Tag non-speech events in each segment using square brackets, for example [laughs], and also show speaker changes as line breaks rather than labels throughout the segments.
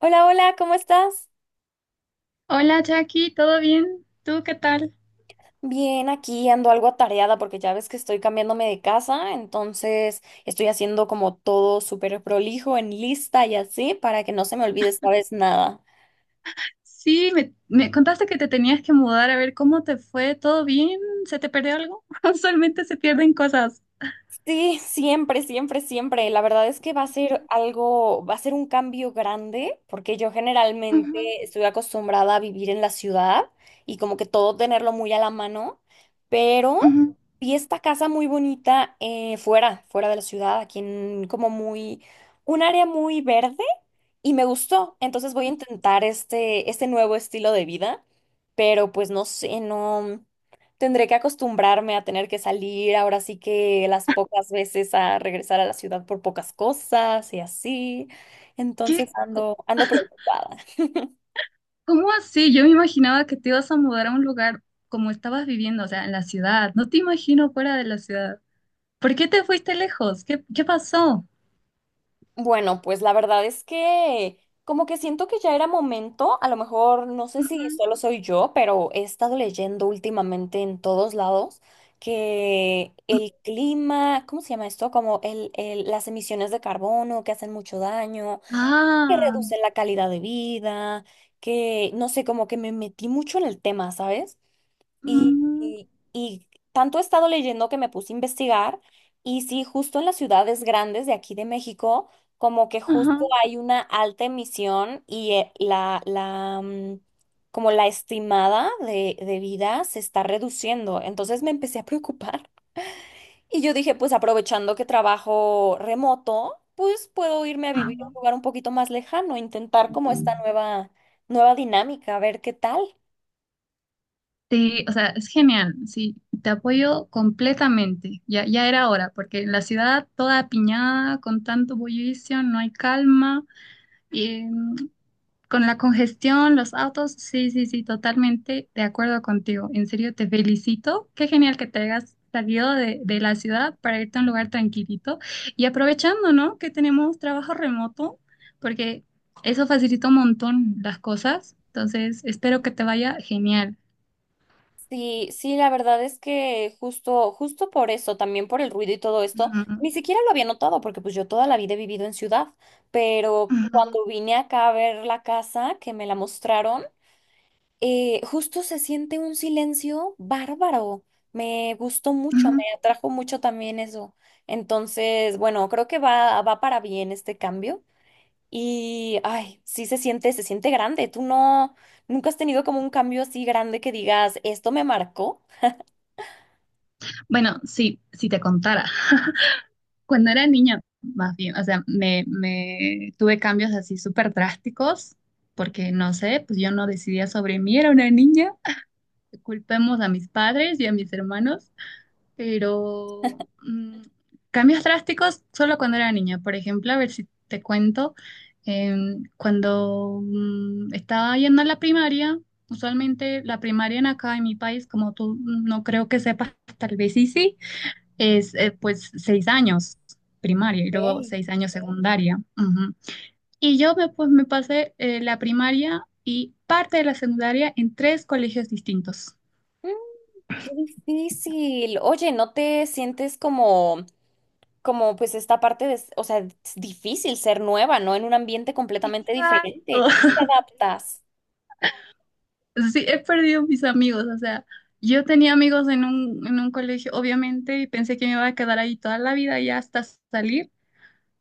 Hola, hola, ¿cómo estás?
Hola Jackie, ¿todo bien? ¿Tú qué tal?
Bien, aquí ando algo atareada porque ya ves que estoy cambiándome de casa, entonces estoy haciendo como todo súper prolijo en lista y así para que no se me olvide esta vez nada.
Sí, me contaste que te tenías que mudar, a ver cómo te fue, ¿todo bien? ¿Se te perdió algo? [laughs] Usualmente se pierden cosas.
Sí, siempre, siempre, siempre. La verdad es que va a ser algo, va a ser un cambio grande, porque yo generalmente
Ujú,
estoy acostumbrada a vivir en la ciudad y como que todo tenerlo muy a la mano, pero
ujú.
vi esta casa muy bonita fuera, fuera de la ciudad, aquí en como muy, un área muy verde y me gustó. Entonces voy a intentar este nuevo estilo de vida, pero pues no sé, no tendré que acostumbrarme a tener que salir ahora sí que las pocas veces a regresar a la ciudad por pocas cosas y así. Entonces
¿Qué?
ando, ando preocupada.
¿Cómo así? Yo me imaginaba que te ibas a mudar a un lugar como estabas viviendo, o sea, en la ciudad. No te imagino fuera de la ciudad. ¿Por qué te fuiste lejos? ¿Qué pasó?
Bueno, pues la verdad es que como que siento que ya era momento, a lo mejor no sé si
Ujú.
solo soy yo, pero he estado leyendo últimamente en todos lados que el clima, ¿cómo se llama esto? Como las emisiones de carbono que hacen mucho daño, que
Ah,
reducen la calidad de vida, que no sé, como que me metí mucho en el tema, ¿sabes? Y,
mm,
y- y tanto he estado leyendo que me puse a investigar y sí, justo en las ciudades grandes de aquí de México, como que
ajá,
justo hay una alta emisión y como la estimada de vida se está reduciendo. Entonces me empecé a preocupar [laughs] y yo dije, pues aprovechando que trabajo remoto, pues puedo irme a vivir
ajá.
a un lugar un poquito más lejano, intentar como esta nueva, nueva dinámica, a ver qué tal.
Sí, o sea, es genial, sí, te apoyo completamente. Ya, ya era hora, porque en la ciudad toda apiñada, con tanto bullicio, no hay calma, y, mm, con la congestión, los autos, sí, sí, sí, totalmente de acuerdo contigo. En serio, te felicito. Qué genial que te hayas salido de la ciudad para irte a un lugar tranquilito y aprovechando, ¿no? Que tenemos trabajo remoto, porque eso facilita un montón las cosas. Entonces, espero que te vaya genial.
Sí, sí, la verdad es que justo, justo por eso, también por el ruido y todo esto,
Ujú,
ni siquiera lo había notado, porque pues yo toda la vida he vivido en ciudad, pero cuando
ujú.
vine acá a ver la casa que me la mostraron, justo se siente un silencio bárbaro. Me gustó mucho,
Ujú.
me atrajo mucho también eso. Entonces, bueno, creo que va, va para bien este cambio. Y, ay, sí se siente grande. ¿Tú no, nunca has tenido como un cambio así grande que digas, esto me marcó?
Bueno, sí, si te contara, [laughs] cuando era niña, más bien, o sea, me tuve cambios así súper drásticos, porque no sé, pues yo no decidía sobre mí, era una niña. Culpemos a mis padres y a mis hermanos, pero cambios drásticos solo cuando era niña. Por ejemplo, a ver si te cuento, cuando estaba yendo a la primaria, usualmente la primaria en acá en mi país, como tú no creo que sepas, tal vez sí, sí. Es pues 6 años primaria y luego
Ok.
6 años secundaria. Ujú. Y yo pues me pasé la primaria y parte de la secundaria en tres colegios distintos.
Mm. Qué difícil. Oye, ¿no te sientes como, como pues esta parte de, o sea, es difícil ser nueva, ¿no? En un ambiente completamente diferente.
Exacto.
¿Cómo te
[laughs]
adaptas?
Sí, he perdido mis amigos, o sea, yo tenía amigos en un colegio, obviamente, y pensé que me iba a quedar ahí toda la vida ya hasta salir,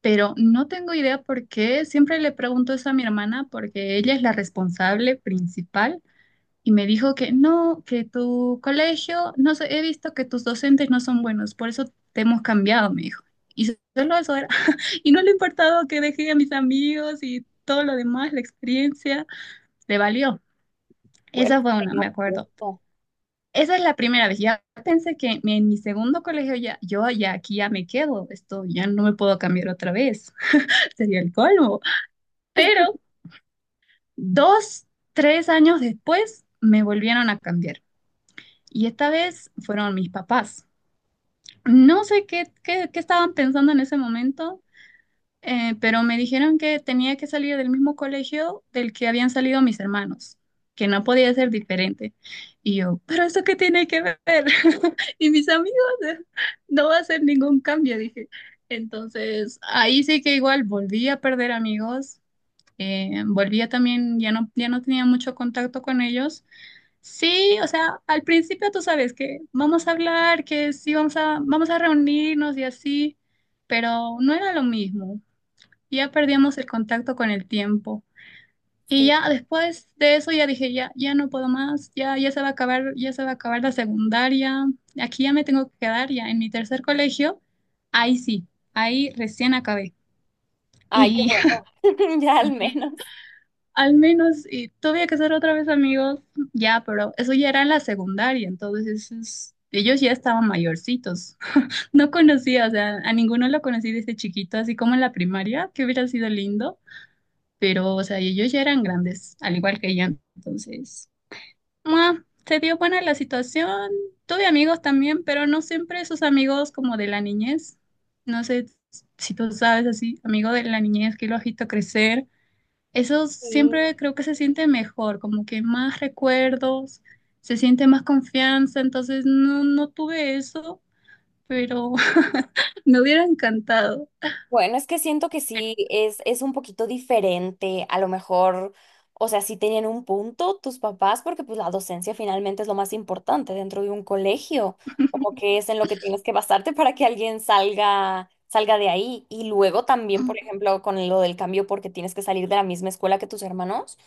pero no tengo idea por qué. Siempre le pregunto eso a mi hermana porque ella es la responsable principal. Y me dijo que no, que tu colegio, no sé, he visto que tus docentes no son buenos, por eso te hemos cambiado, me dijo. Y solo eso era. [laughs] Y no le importaba que dejé a mis amigos y todo lo demás, la experiencia, le valió.
Bueno,
Esa fue una,
sería
me
un
acuerdo.
punto.
Esa es la primera vez. Ya pensé que en mi segundo colegio ya, yo ya aquí ya me quedo. Esto ya no me puedo cambiar otra vez. [laughs] Sería el colmo. Pero dos, tres años después me volvieron a cambiar. Y esta vez fueron mis papás. No sé qué estaban pensando en ese momento, pero me dijeron que tenía que salir del mismo colegio del que habían salido mis hermanos, que no podía ser diferente. Y yo, ¿pero eso qué tiene que ver? [laughs] Y mis amigos, [laughs] eh, no va a ser ningún cambio, dije. Entonces, ahí sí que igual volví a perder amigos, volví a también, ya no tenía mucho contacto con ellos. Sí, o sea, al principio tú sabes que vamos a hablar, que sí vamos a reunirnos y así, pero no era lo mismo. Ya perdíamos el contacto con el tiempo. Y
Sí.
ya después de eso ya dije, ya, ya no puedo más, ya, ya se va a acabar, ya se va a acabar la secundaria, aquí ya me tengo que quedar ya en mi tercer colegio. Ahí sí, ahí recién acabé.
Ay, qué
Y
bueno. [laughs] Ya al
[laughs] sí,
menos.
al menos, y tuve que ser otra vez amigos, ya, pero eso ya era en la secundaria, entonces ellos ya estaban mayorcitos. [laughs] No conocía, o sea, a ninguno lo conocí desde chiquito, así como en la primaria, que hubiera sido lindo, pero, o sea, ellos ya eran grandes, al igual que yo, entonces, ¡mua! Se dio buena la situación. Tuve amigos también, pero no siempre esos amigos como de la niñez. No sé si tú sabes así, amigo de la niñez que lo has visto crecer, eso
Sí.
siempre creo que se siente mejor, como que más recuerdos, se siente más confianza, entonces no, no tuve eso, pero [laughs] me hubiera encantado.
Bueno, es que siento que sí, es un poquito diferente. A lo mejor, o sea, sí tenían un punto tus papás, porque pues la docencia finalmente es lo más importante dentro de un colegio, como que es en lo que tienes que basarte para que alguien salga, salga de ahí. Y luego también, por
Mm,
ejemplo, con lo del cambio porque tienes que salir de la misma escuela que tus hermanos.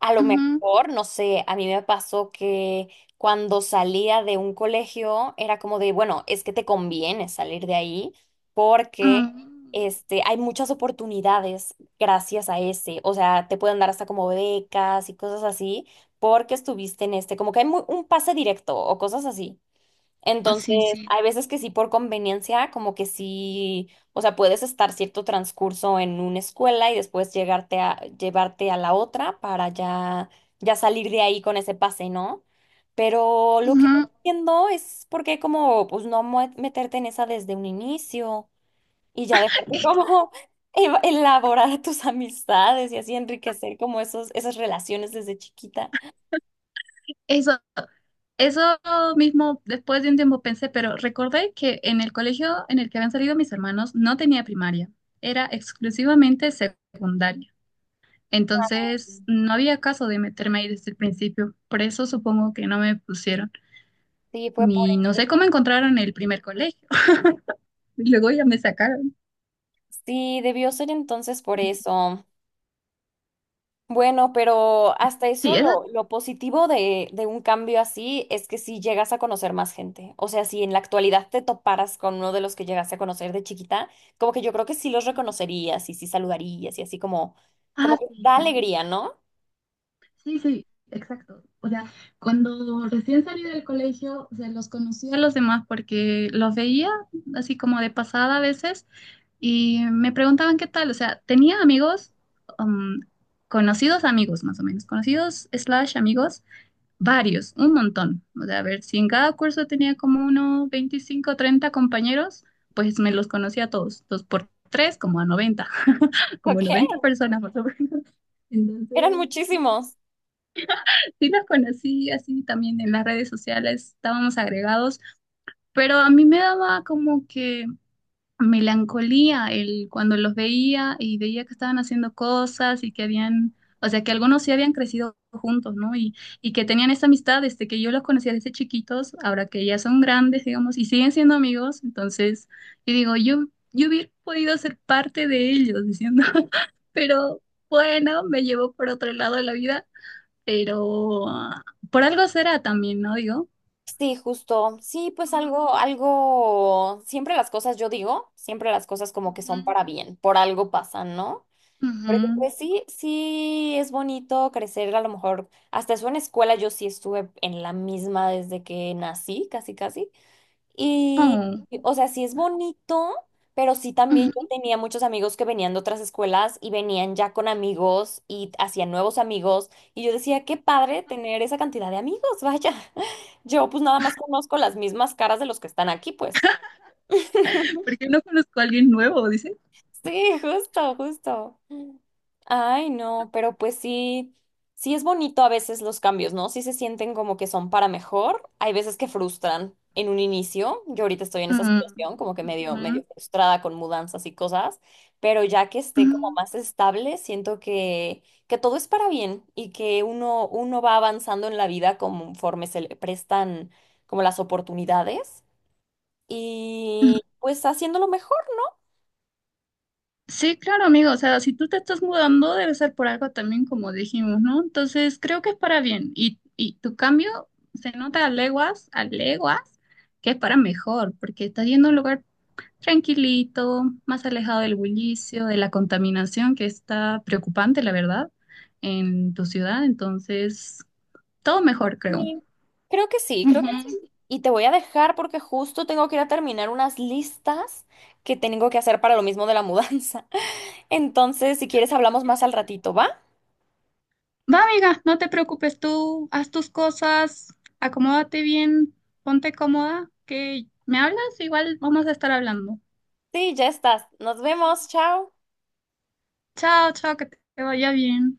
A lo
ujú,
mejor, no sé, a mí me pasó que cuando salía de un colegio era como de, bueno, es que te conviene salir de ahí porque
mm,
este, hay muchas oportunidades gracias a ese. O sea, te pueden dar hasta como becas y cosas así porque estuviste en este, como que hay un pase directo o cosas así. Entonces,
sí, sí.
hay veces que sí por conveniencia, como que sí, o sea, puedes estar cierto transcurso en una escuela y después llevarte a la otra para ya, ya salir de ahí con ese pase, ¿no? Pero lo que no
Ujú.
entiendo es por qué como, pues no meterte en esa desde un inicio y ya dejarte
Es-
como [laughs] elaborar tus amistades y así enriquecer como esos, esas relaciones desde chiquita.
Eso, eso mismo después de un tiempo pensé, pero recordé que en el colegio en el que habían salido mis hermanos no tenía primaria, era exclusivamente secundaria. Entonces, no había caso de meterme ahí desde el principio. Por eso supongo que no me pusieron.
Sí, fue por
Y no sé
eso.
cómo encontraron el primer colegio. [laughs] Y luego ya me sacaron.
Sí, debió ser entonces por eso. Bueno, pero hasta eso
Sí, eso sí.
lo positivo de un cambio así es que si llegas a conocer más gente. O sea, si en la actualidad te toparas con uno de los que llegaste a conocer de chiquita, como que yo creo que sí los reconocerías y sí saludarías y así como, como
Ah,
que
sí,
da
sí.
alegría, ¿no?
Sí, sí, exacto. O sea, cuando recién salí del colegio, se los conocía a los demás porque los veía así como de pasada a veces y me preguntaban qué tal. O sea, tenía amigos, um, conocidos amigos más o menos, conocidos slash amigos. Varios, un montón. O sea, a ver, si en cada curso tenía como unos 25 o 30 compañeros, pues me los conocía a todos. Dos por tres, como a 90. [laughs]
[laughs]
Como 90
Ok,
personas más o menos.
eran
Entonces, sí,
muchísimos.
sí los conocí así también en las redes sociales, estábamos agregados, pero a mí me daba como que melancolía el, cuando los veía y veía que estaban haciendo cosas y que habían, o sea, que algunos sí habían crecido juntos, ¿no? Y que tenían esa amistad, desde que yo los conocía desde chiquitos, ahora que ya son grandes, digamos, y siguen siendo amigos, entonces, yo digo, yo hubiera podido ser parte de ellos, diciendo, [laughs] pero bueno, me llevó por otro lado de la vida, pero por algo será también, ¿no? Digo.
Sí, justo. Sí, pues
Mm,
algo, algo, siempre las cosas, yo digo, siempre las cosas como que son para bien, por algo pasan, ¿no?
ujú,
Porque
ujú.
pues sí, sí es bonito crecer, a lo mejor hasta eso en escuela yo sí estuve en la misma desde que nací, casi casi. Y,
Oh,
y, o sea, sí es bonito, pero sí también yo
ujú.
tenía muchos amigos que venían de otras escuelas y venían ya con amigos y hacían nuevos amigos. Y yo decía, qué padre tener esa cantidad de amigos, vaya. [laughs] Yo pues nada más conozco las mismas caras de los que están aquí, pues. [laughs]
Porque no conozco a alguien nuevo, dice.
Sí, justo, justo. Ay, no, pero pues sí, sí es bonito a veces los cambios, ¿no? Sí se sienten como que son para mejor. Hay veces que frustran en un inicio. Yo ahorita estoy en esa
Mm,
situación, como que medio,
mm,
medio frustrada con mudanzas y cosas, pero ya que esté como
mm.
más estable, siento que todo es para bien y que uno, uno va avanzando en la vida conforme se le prestan como las oportunidades y pues haciéndolo mejor.
Sí, claro, amigo. O sea, si tú te estás mudando, debe ser por algo también, como dijimos, ¿no? Entonces, creo que es para bien. Y tu cambio se nota a leguas, que es para mejor, porque estás yendo a un lugar tranquilito, más alejado del bullicio, de la contaminación que está preocupante, la verdad, en tu ciudad. Entonces, todo mejor, creo.
Sí, creo que sí, creo que
Ujú.
sí. Y te voy a dejar porque justo tengo que ir a terminar unas listas que tengo que hacer para lo mismo de la mudanza. [laughs] Entonces, si quieres, hablamos más al ratito, ¿va?
Va, amiga, no te preocupes, tú haz tus cosas, acomódate bien, ponte cómoda, que me hablas, igual vamos a estar hablando.
Sí, ya estás. Nos vemos. Chao.
Chao, chao, que te vaya bien.